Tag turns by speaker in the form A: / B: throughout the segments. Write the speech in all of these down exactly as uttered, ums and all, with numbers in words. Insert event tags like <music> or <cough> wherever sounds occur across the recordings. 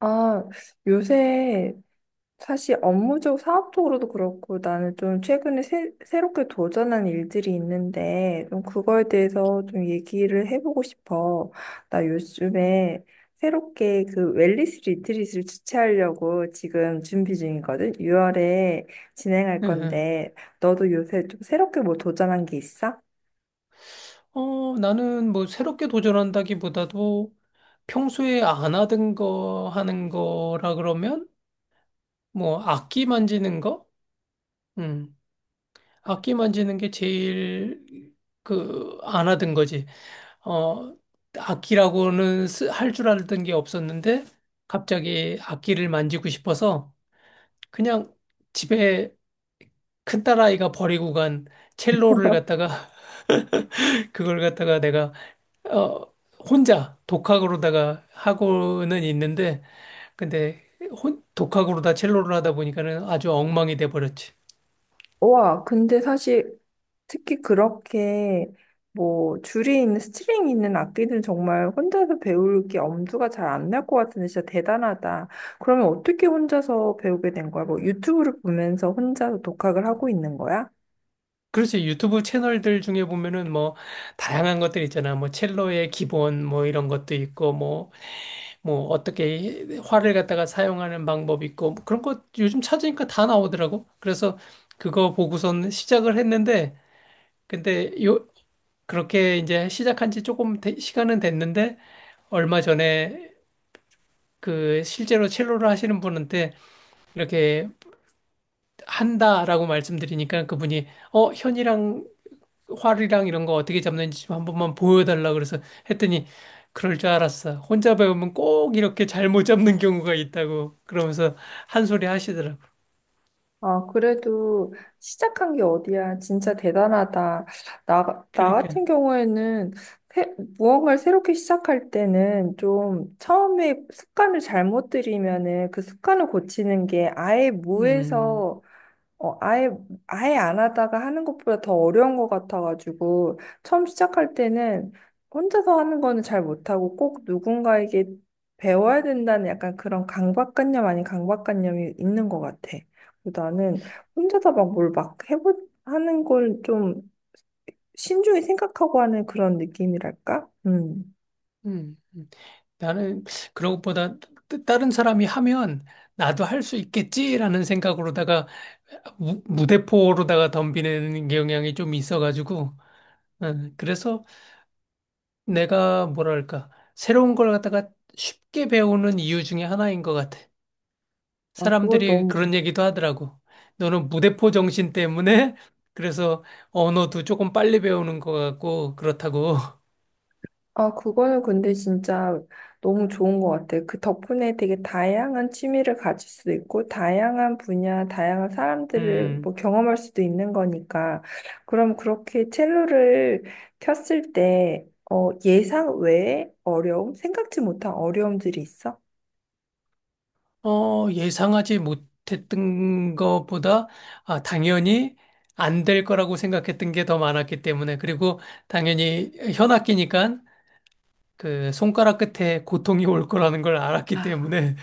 A: 아, 요새 사실 업무적, 사업적으로도 그렇고 나는 좀 최근에 새, 새롭게 도전한 일들이 있는데 좀 그거에 대해서 좀 얘기를 해보고 싶어. 나 요즘에 새롭게 그 웰니스 리트릿을 주최하려고 지금 준비 중이거든. 유월에 진행할
B: 예. 예.
A: 건데 너도 요새 좀 새롭게 뭐 도전한 게 있어?
B: 어, 나는 뭐 새롭게 도전한다기보다도 평소에 안 하던 거 하는 거라 그러면 뭐 악기 만지는 거? 음. 악기 만지는 게 제일 그 안 하던 거지. 어, 악기라고는 할 줄 알던 게 없었는데 갑자기 악기를 만지고 싶어서 그냥 집에 큰딸아이가 버리고 간 첼로를 갖다가 <laughs> 그걸 갖다가 내가 어, 혼자 독학으로다가 하고는 있는데, 근데 혼, 독학으로다 첼로를 하다 보니까는 아주 엉망이 돼 버렸지.
A: 와, 근데 사실 특히 그렇게 뭐 줄이 있는 스트링이 있는 악기는 정말 혼자서 배울 게 엄두가 잘 안 날 것 같은데 진짜 대단하다. 그러면 어떻게 혼자서 배우게 된 거야? 뭐 유튜브를 보면서 혼자서 독학을 하고 있는 거야?
B: 그렇지. 유튜브 채널들 중에 보면은 뭐 다양한 것들 있잖아. 뭐 첼로의 기본 뭐 이런 것도 있고 뭐 뭐 어떻게 활을 갖다가 사용하는 방법 있고 뭐 그런 거 요즘 찾으니까 다 나오더라고. 그래서 그거 보고선 시작을 했는데 근데 요 그렇게 이제 시작한 지 조금 되- 시간은 됐는데 얼마 전에 그 실제로 첼로를 하시는 분한테 이렇게 한다라고 말씀드리니까 그분이 어 현이랑 활이랑 이런 거 어떻게 잡는지 좀 한 번만 보여달라 그래서 했더니 그럴 줄 알았어. 혼자 배우면 꼭 이렇게 잘못 잡는 경우가 있다고 그러면서 한 소리 하시더라고.
A: 아, 그래도 시작한 게 어디야. 진짜 대단하다. 나, 나
B: 그러니까
A: 같은 경우에는 새- 무언가를 새롭게 시작할 때는 좀 처음에 습관을 잘못 들이면은 그 습관을 고치는 게 아예
B: 음,
A: 무에서 어, 아예, 아예 안 하다가 하는 것보다 더 어려운 것 같아가지고, 처음 시작할 때는 혼자서 하는 거는 잘 못하고 꼭 누군가에게 배워야 된다는 약간 그런 강박관념 아닌 강박관념이 있는 것 같아. 그리고 나는 혼자서 막 뭘 막 해보, 하는 걸 좀 신중히 생각하고 하는 그런 느낌이랄까? 음.
B: 음, 음. 나는 그런 것보다 따- 다른 사람이 하면 나도 할 수 있겠지라는 생각으로다가 무, 무대포로다가 덤비는 경향이 좀 있어가지고 예, 그래서 내가 뭐랄까, 새로운 걸 갖다가 쉽게 배우는 이유 중에 하나인 것 같아.
A: 아, 그거
B: 사람들이
A: 너무
B: 그런 얘기도 하더라고. 너는 무대포 정신 때문에 <laughs> 그래서 언어도 조금 빨리 배우는 것 같고 그렇다고. <laughs>
A: 아, 그거는 근데 진짜 너무 좋은 것 같아. 그 덕분에 되게 다양한 취미를 가질 수도 있고, 다양한 분야, 다양한 사람들을
B: 음,
A: 뭐 경험할 수도 있는 거니까. 그럼 그렇게 첼로를 켰을 때, 어, 예상 외의 어려움? 생각지 못한 어려움들이 있어?
B: 어, 예상하지 못했던 것보다 아, 당연히 안 될 거라고 생각했던 게 더 많았기 때문에 그리고 당연히 현악기니까 그 손가락 끝에 고통이 올 거라는 걸 알았기
A: 아,
B: 때문에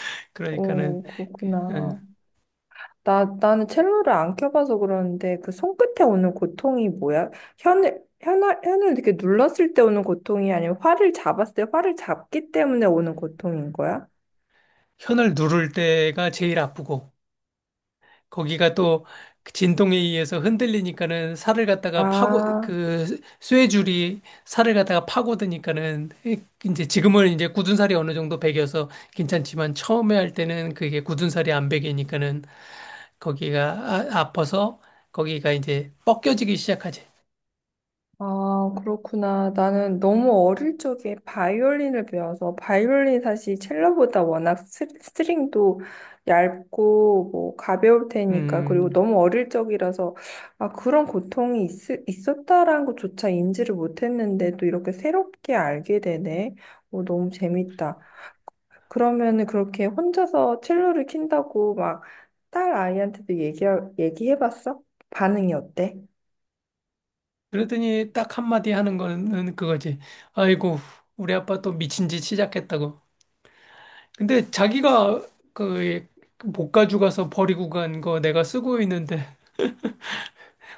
B: <laughs>
A: 오,
B: 그러니까는
A: 그렇구나.
B: 예.
A: 나, 나는 첼로를 안 켜봐서 그러는데 그 손끝에 오는 고통이 뭐야? 혀를, 혀나, 혀를 이렇게 눌렀을 때 오는 고통이 아니면 활을 잡았을 때 활을 잡기 때문에 오는 고통인 거야?
B: 현을 누를 때가 제일 아프고 거기가 또그 진동에 의해서 흔들리니까는 살을 갖다가 파고
A: 아,
B: 그 쇠줄이 살을 갖다가 파고드니까는 이제 지금은 이제 굳은 살이 어느 정도 배겨서 괜찮지만 처음에 할 때는 그게 굳은 살이 안 배기니까는 거기가 아, 아파서 거기가 이제 벗겨지기 시작하지.
A: 아, 그렇구나. 나는 너무 어릴 적에 바이올린을 배워서 바이올린 사실 첼로보다 워낙 스- 스트링도 얇고 뭐 가벼울 테니까 그리고
B: 음.
A: 너무 어릴 적이라서 아, 그런 고통이 있, 있었다라는 것조차 인지를 못했는데 또 이렇게 새롭게 알게 되네. 오, 너무 재밌다. 그러면은 그렇게 혼자서 첼로를 킨다고 막 딸 아이한테도 얘기, 얘기해봤어? 반응이 어때?
B: 그러더니 딱 한마디 하는 거는 그거지. 아이고, 우리 아빠 또 미친 짓 시작했다고. 근데 자기가 그 못 가져 가서 버리고 간 거 내가 쓰고 있는데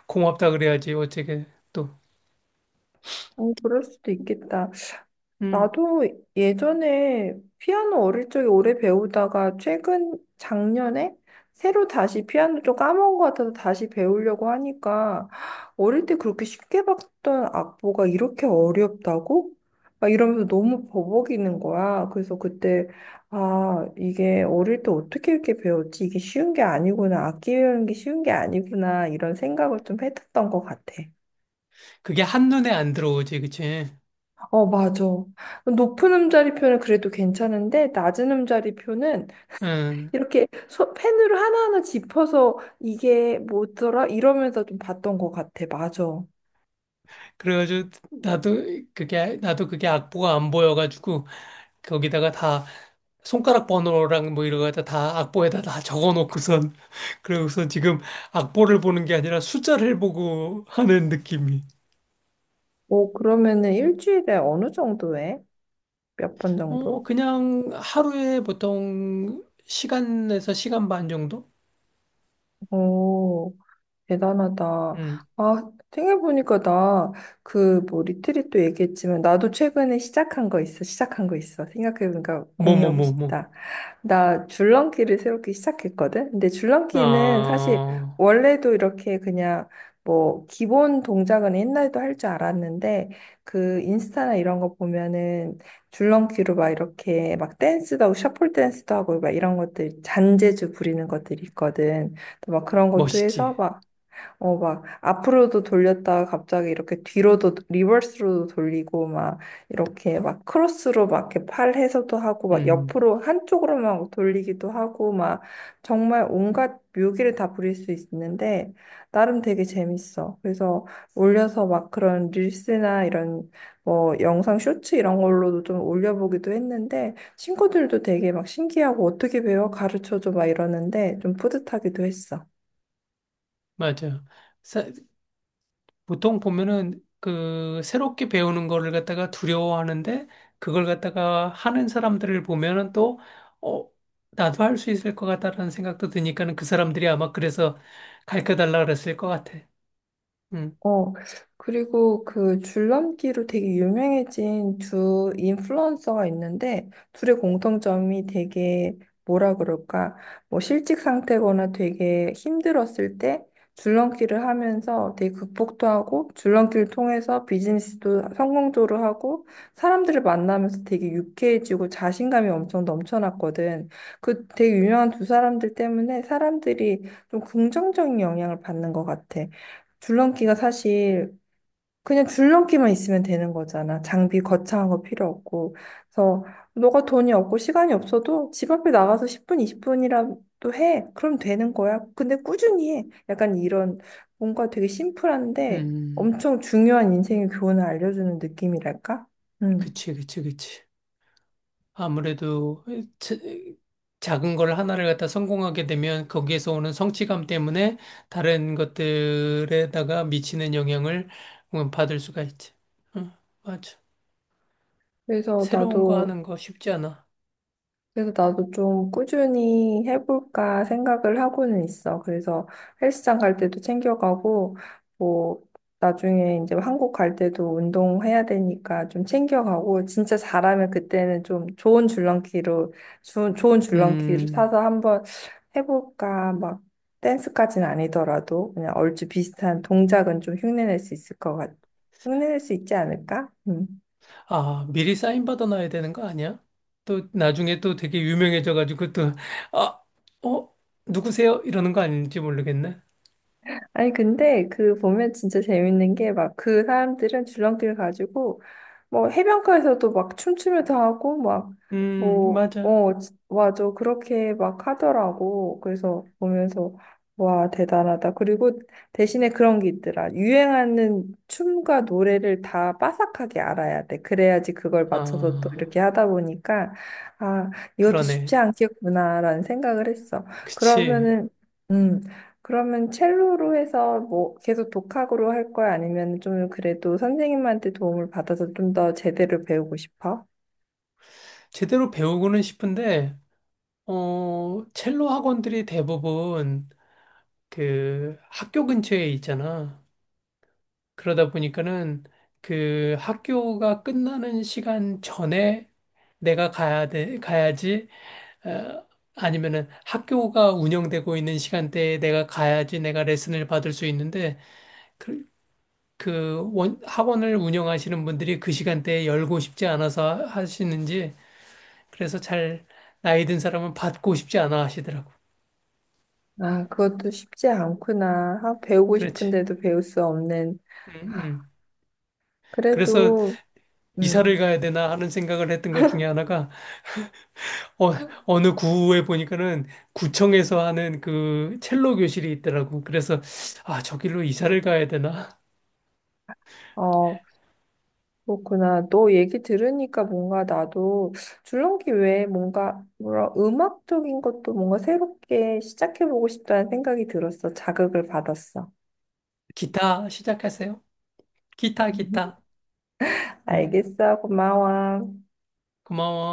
B: 고맙다 그래야지 어떻게 또
A: 어, 그럴 수도 있겠다.
B: 음.
A: 나도 예전에 피아노 어릴 적에 오래 배우다가 최근 작년에 새로 다시 피아노 좀 까먹은 것 같아서 다시 배우려고 하니까 어릴 때 그렇게 쉽게 봤던 악보가 이렇게 어렵다고? 막 이러면서 너무 버벅이는 거야. 그래서 그때 아, 이게 어릴 때 어떻게 이렇게 배웠지? 이게 쉬운 게 아니구나. 악기 배우는 게 쉬운 게 아니구나. 이런 생각을 좀 했었던 것 같아.
B: 그게 한눈에 안 들어오지 그치?
A: 어, 맞아. 높은 음자리표는 그래도 괜찮은데, 낮은 음자리표는
B: 응.
A: 이렇게 소, 펜으로 하나하나 짚어서 이게 뭐더라? 이러면서 좀 봤던 것 같아. 맞아.
B: 그래가지고 나도 그게 나도 그게 악보가 안 보여가지고 거기다가 다 손가락 번호랑 뭐 이런 거다 다 악보에다 다 적어놓고선 <laughs> 그러고서 지금 악보를 보는 게 아니라 숫자를 보고 하는 느낌이.
A: 오, 그러면은 일주일에 어느 정도 해? 몇 번
B: 어,
A: 정도?
B: 그냥 하루에 보통 한 시간에서 한 시간 반 정도?
A: 오, 대단하다.
B: 음,
A: 아, 생각해보니까 나 그 뭐 리트릿도 얘기했지만, 나도 최근에 시작한 거 있어. 시작한 거 있어. 생각해보니까
B: 뭐, 뭐,
A: 공유하고
B: 뭐, 뭐.
A: 싶다. 나 줄넘기를 새롭게 시작했거든? 근데 줄넘기는 사실
B: 아,
A: 원래도 이렇게 그냥 뭐 기본 동작은 옛날에도 할 줄 알았는데 그 인스타나 이런 거 보면은 줄넘기로 막 이렇게 막 댄스도 하고 셔플 댄스도 하고 막 이런 것들 잔재주 부리는 것들이 있거든. 또 막 그런 것도
B: 멋있지.
A: 해서 어, 막, 앞으로도 돌렸다가 갑자기 이렇게 뒤로도, 리버스로도 돌리고, 막, 이렇게 막, 크로스로 막, 이렇게 팔 해서도 하고, 막,
B: 음,
A: 옆으로, 한쪽으로만 돌리기도 하고, 막, 정말 온갖 묘기를 다 부릴 수 있는데, 나름 되게 재밌어. 그래서 올려서 막 그런 릴스나 이런, 뭐, 영상 쇼츠 이런 걸로도 좀 올려보기도 했는데, 친구들도 되게 막 신기하고, 어떻게 배워? 가르쳐줘? 막 이러는데, 좀 뿌듯하기도 했어.
B: 맞아. 사- 보통 보면은 그 새롭게 배우는 거를 갖다가 두려워하는데 그걸 갖다가 하는 사람들을 보면은 또, 어, 나도 할 수 있을 것 같다라는 생각도 드니까는 그 사람들이 아마 그래서 가르쳐 달라 그랬을 것 같아. 음,
A: 어, 그리고 그 줄넘기로 되게 유명해진 두 인플루언서가 있는데, 둘의 공통점이 되게 뭐라 그럴까, 뭐 실직 상태거나 되게 힘들었을 때 줄넘기를 하면서 되게 극복도 하고, 줄넘기를 통해서 비즈니스도 성공적으로 하고, 사람들을 만나면서 되게 유쾌해지고 자신감이 엄청 넘쳐났거든. 그 되게 유명한 두 사람들 때문에 사람들이 좀 긍정적인 영향을 받는 것 같아. 줄넘기가 사실 그냥 줄넘기만 있으면 되는 거잖아. 장비 거창한 거 필요 없고. 그래서 너가 돈이 없고 시간이 없어도 집 앞에 나가서 십 분, 이십 분이라도 해. 그럼 되는 거야. 근데 꾸준히 해. 약간 이런 뭔가 되게 심플한데
B: 음,
A: 엄청 중요한 인생의 교훈을 알려주는 느낌이랄까? 음.
B: 그치, 그치, 그치. 아무래도 자- 작은 걸 하나를 갖다 성공하게 되면 거기에서 오는 성취감 때문에 다른 것들에다가 미치는 영향을 음, 받을 수가 있지. 응, 맞아.
A: 그래서
B: 새로운 거
A: 나도
B: 하는 거 쉽지 않아.
A: 그래서 나도 좀 꾸준히 해볼까 생각을 하고는 있어. 그래서 헬스장 갈 때도 챙겨가고, 뭐, 나중에 이제 한국 갈 때도 운동해야 되니까 좀 챙겨가고, 진짜 잘하면 그때는 좀 좋은 줄넘기로, 주- 좋은 줄넘기를
B: 음,
A: 사서 한번 해볼까, 막, 댄스까지는 아니더라도, 그냥 얼추 비슷한 동작은 좀 흉내낼 수 있을 것 같아. 흉내낼 수 있지 않을까? 음.
B: 아, 미리 사인 받아놔야 되는 거 아니야? 또 나중에 또 되게 유명해져가지고 또, 아, 어, 누구세요? 이러는 거 아닌지 모르겠네.
A: 아니, 근데 그 보면 진짜 재밌는 게 막 그 사람들은 줄넘기를 가지고 뭐 해변가에서도 막 춤추면서 하고 막
B: 음,
A: 뭐,
B: 맞아.
A: 어, 지- 맞아. 그렇게 막 하더라고. 그래서 보면서 와, 대단하다. 그리고 대신에 그런 게 있더라. 유행하는 춤과 노래를 다 빠삭하게 알아야 돼. 그래야지 그걸 맞춰서 또
B: 아,
A: 이렇게 하다 보니까 아, 이것도 쉽지
B: 그러네.
A: 않겠구나라는 생각을 했어.
B: 그치.
A: 그러면은 음. 그러면 첼로로 해서 뭐 계속 독학으로 할 거야? 아니면 좀 그래도 선생님한테 도움을 받아서 좀 더 제대로 배우고 싶어?
B: 제대로 배우고는 싶은데, 어, 첼로 학원들이 대부분 그 학교 근처에 있잖아. 그러다 보니까는 그 학교가 끝나는 시간 전에 내가 가야 돼, 가야지. 어, 아니면은 학교가 운영되고 있는 시간대에 내가 가야지 내가 레슨을 받을 수 있는데 그, 그 원, 학원을 운영하시는 분들이 그 시간대에 열고 싶지 않아서 하시는지 그래서 잘 나이 든 사람은 받고 싶지 않아 하시더라고.
A: 아, 그것도 쉽지 않구나. 아, 배우고
B: 그렇지.
A: 싶은데도 배울 수 없는.
B: 음,
A: 아,
B: 음. 그래서
A: 그래도,
B: 이사를
A: 음,
B: 가야 되나 하는 생각을 했던 것 중에 하나가 어, 어느 구에 보니까는 구청에서 하는 그 첼로 교실이 있더라고. 그래서 아, 저길로 이사를 가야 되나?
A: 어, 그렇구나. 너 얘기 들으니까 뭔가 나도 줄넘기 외에 뭔가, 뭐라, 음악적인 것도 뭔가 새롭게 시작해보고 싶다는 생각이 들었어. 자극을 받았어.
B: 기타 시작하세요. 기타, 기타. 응?
A: 알겠어. 고마워.
B: 고마워.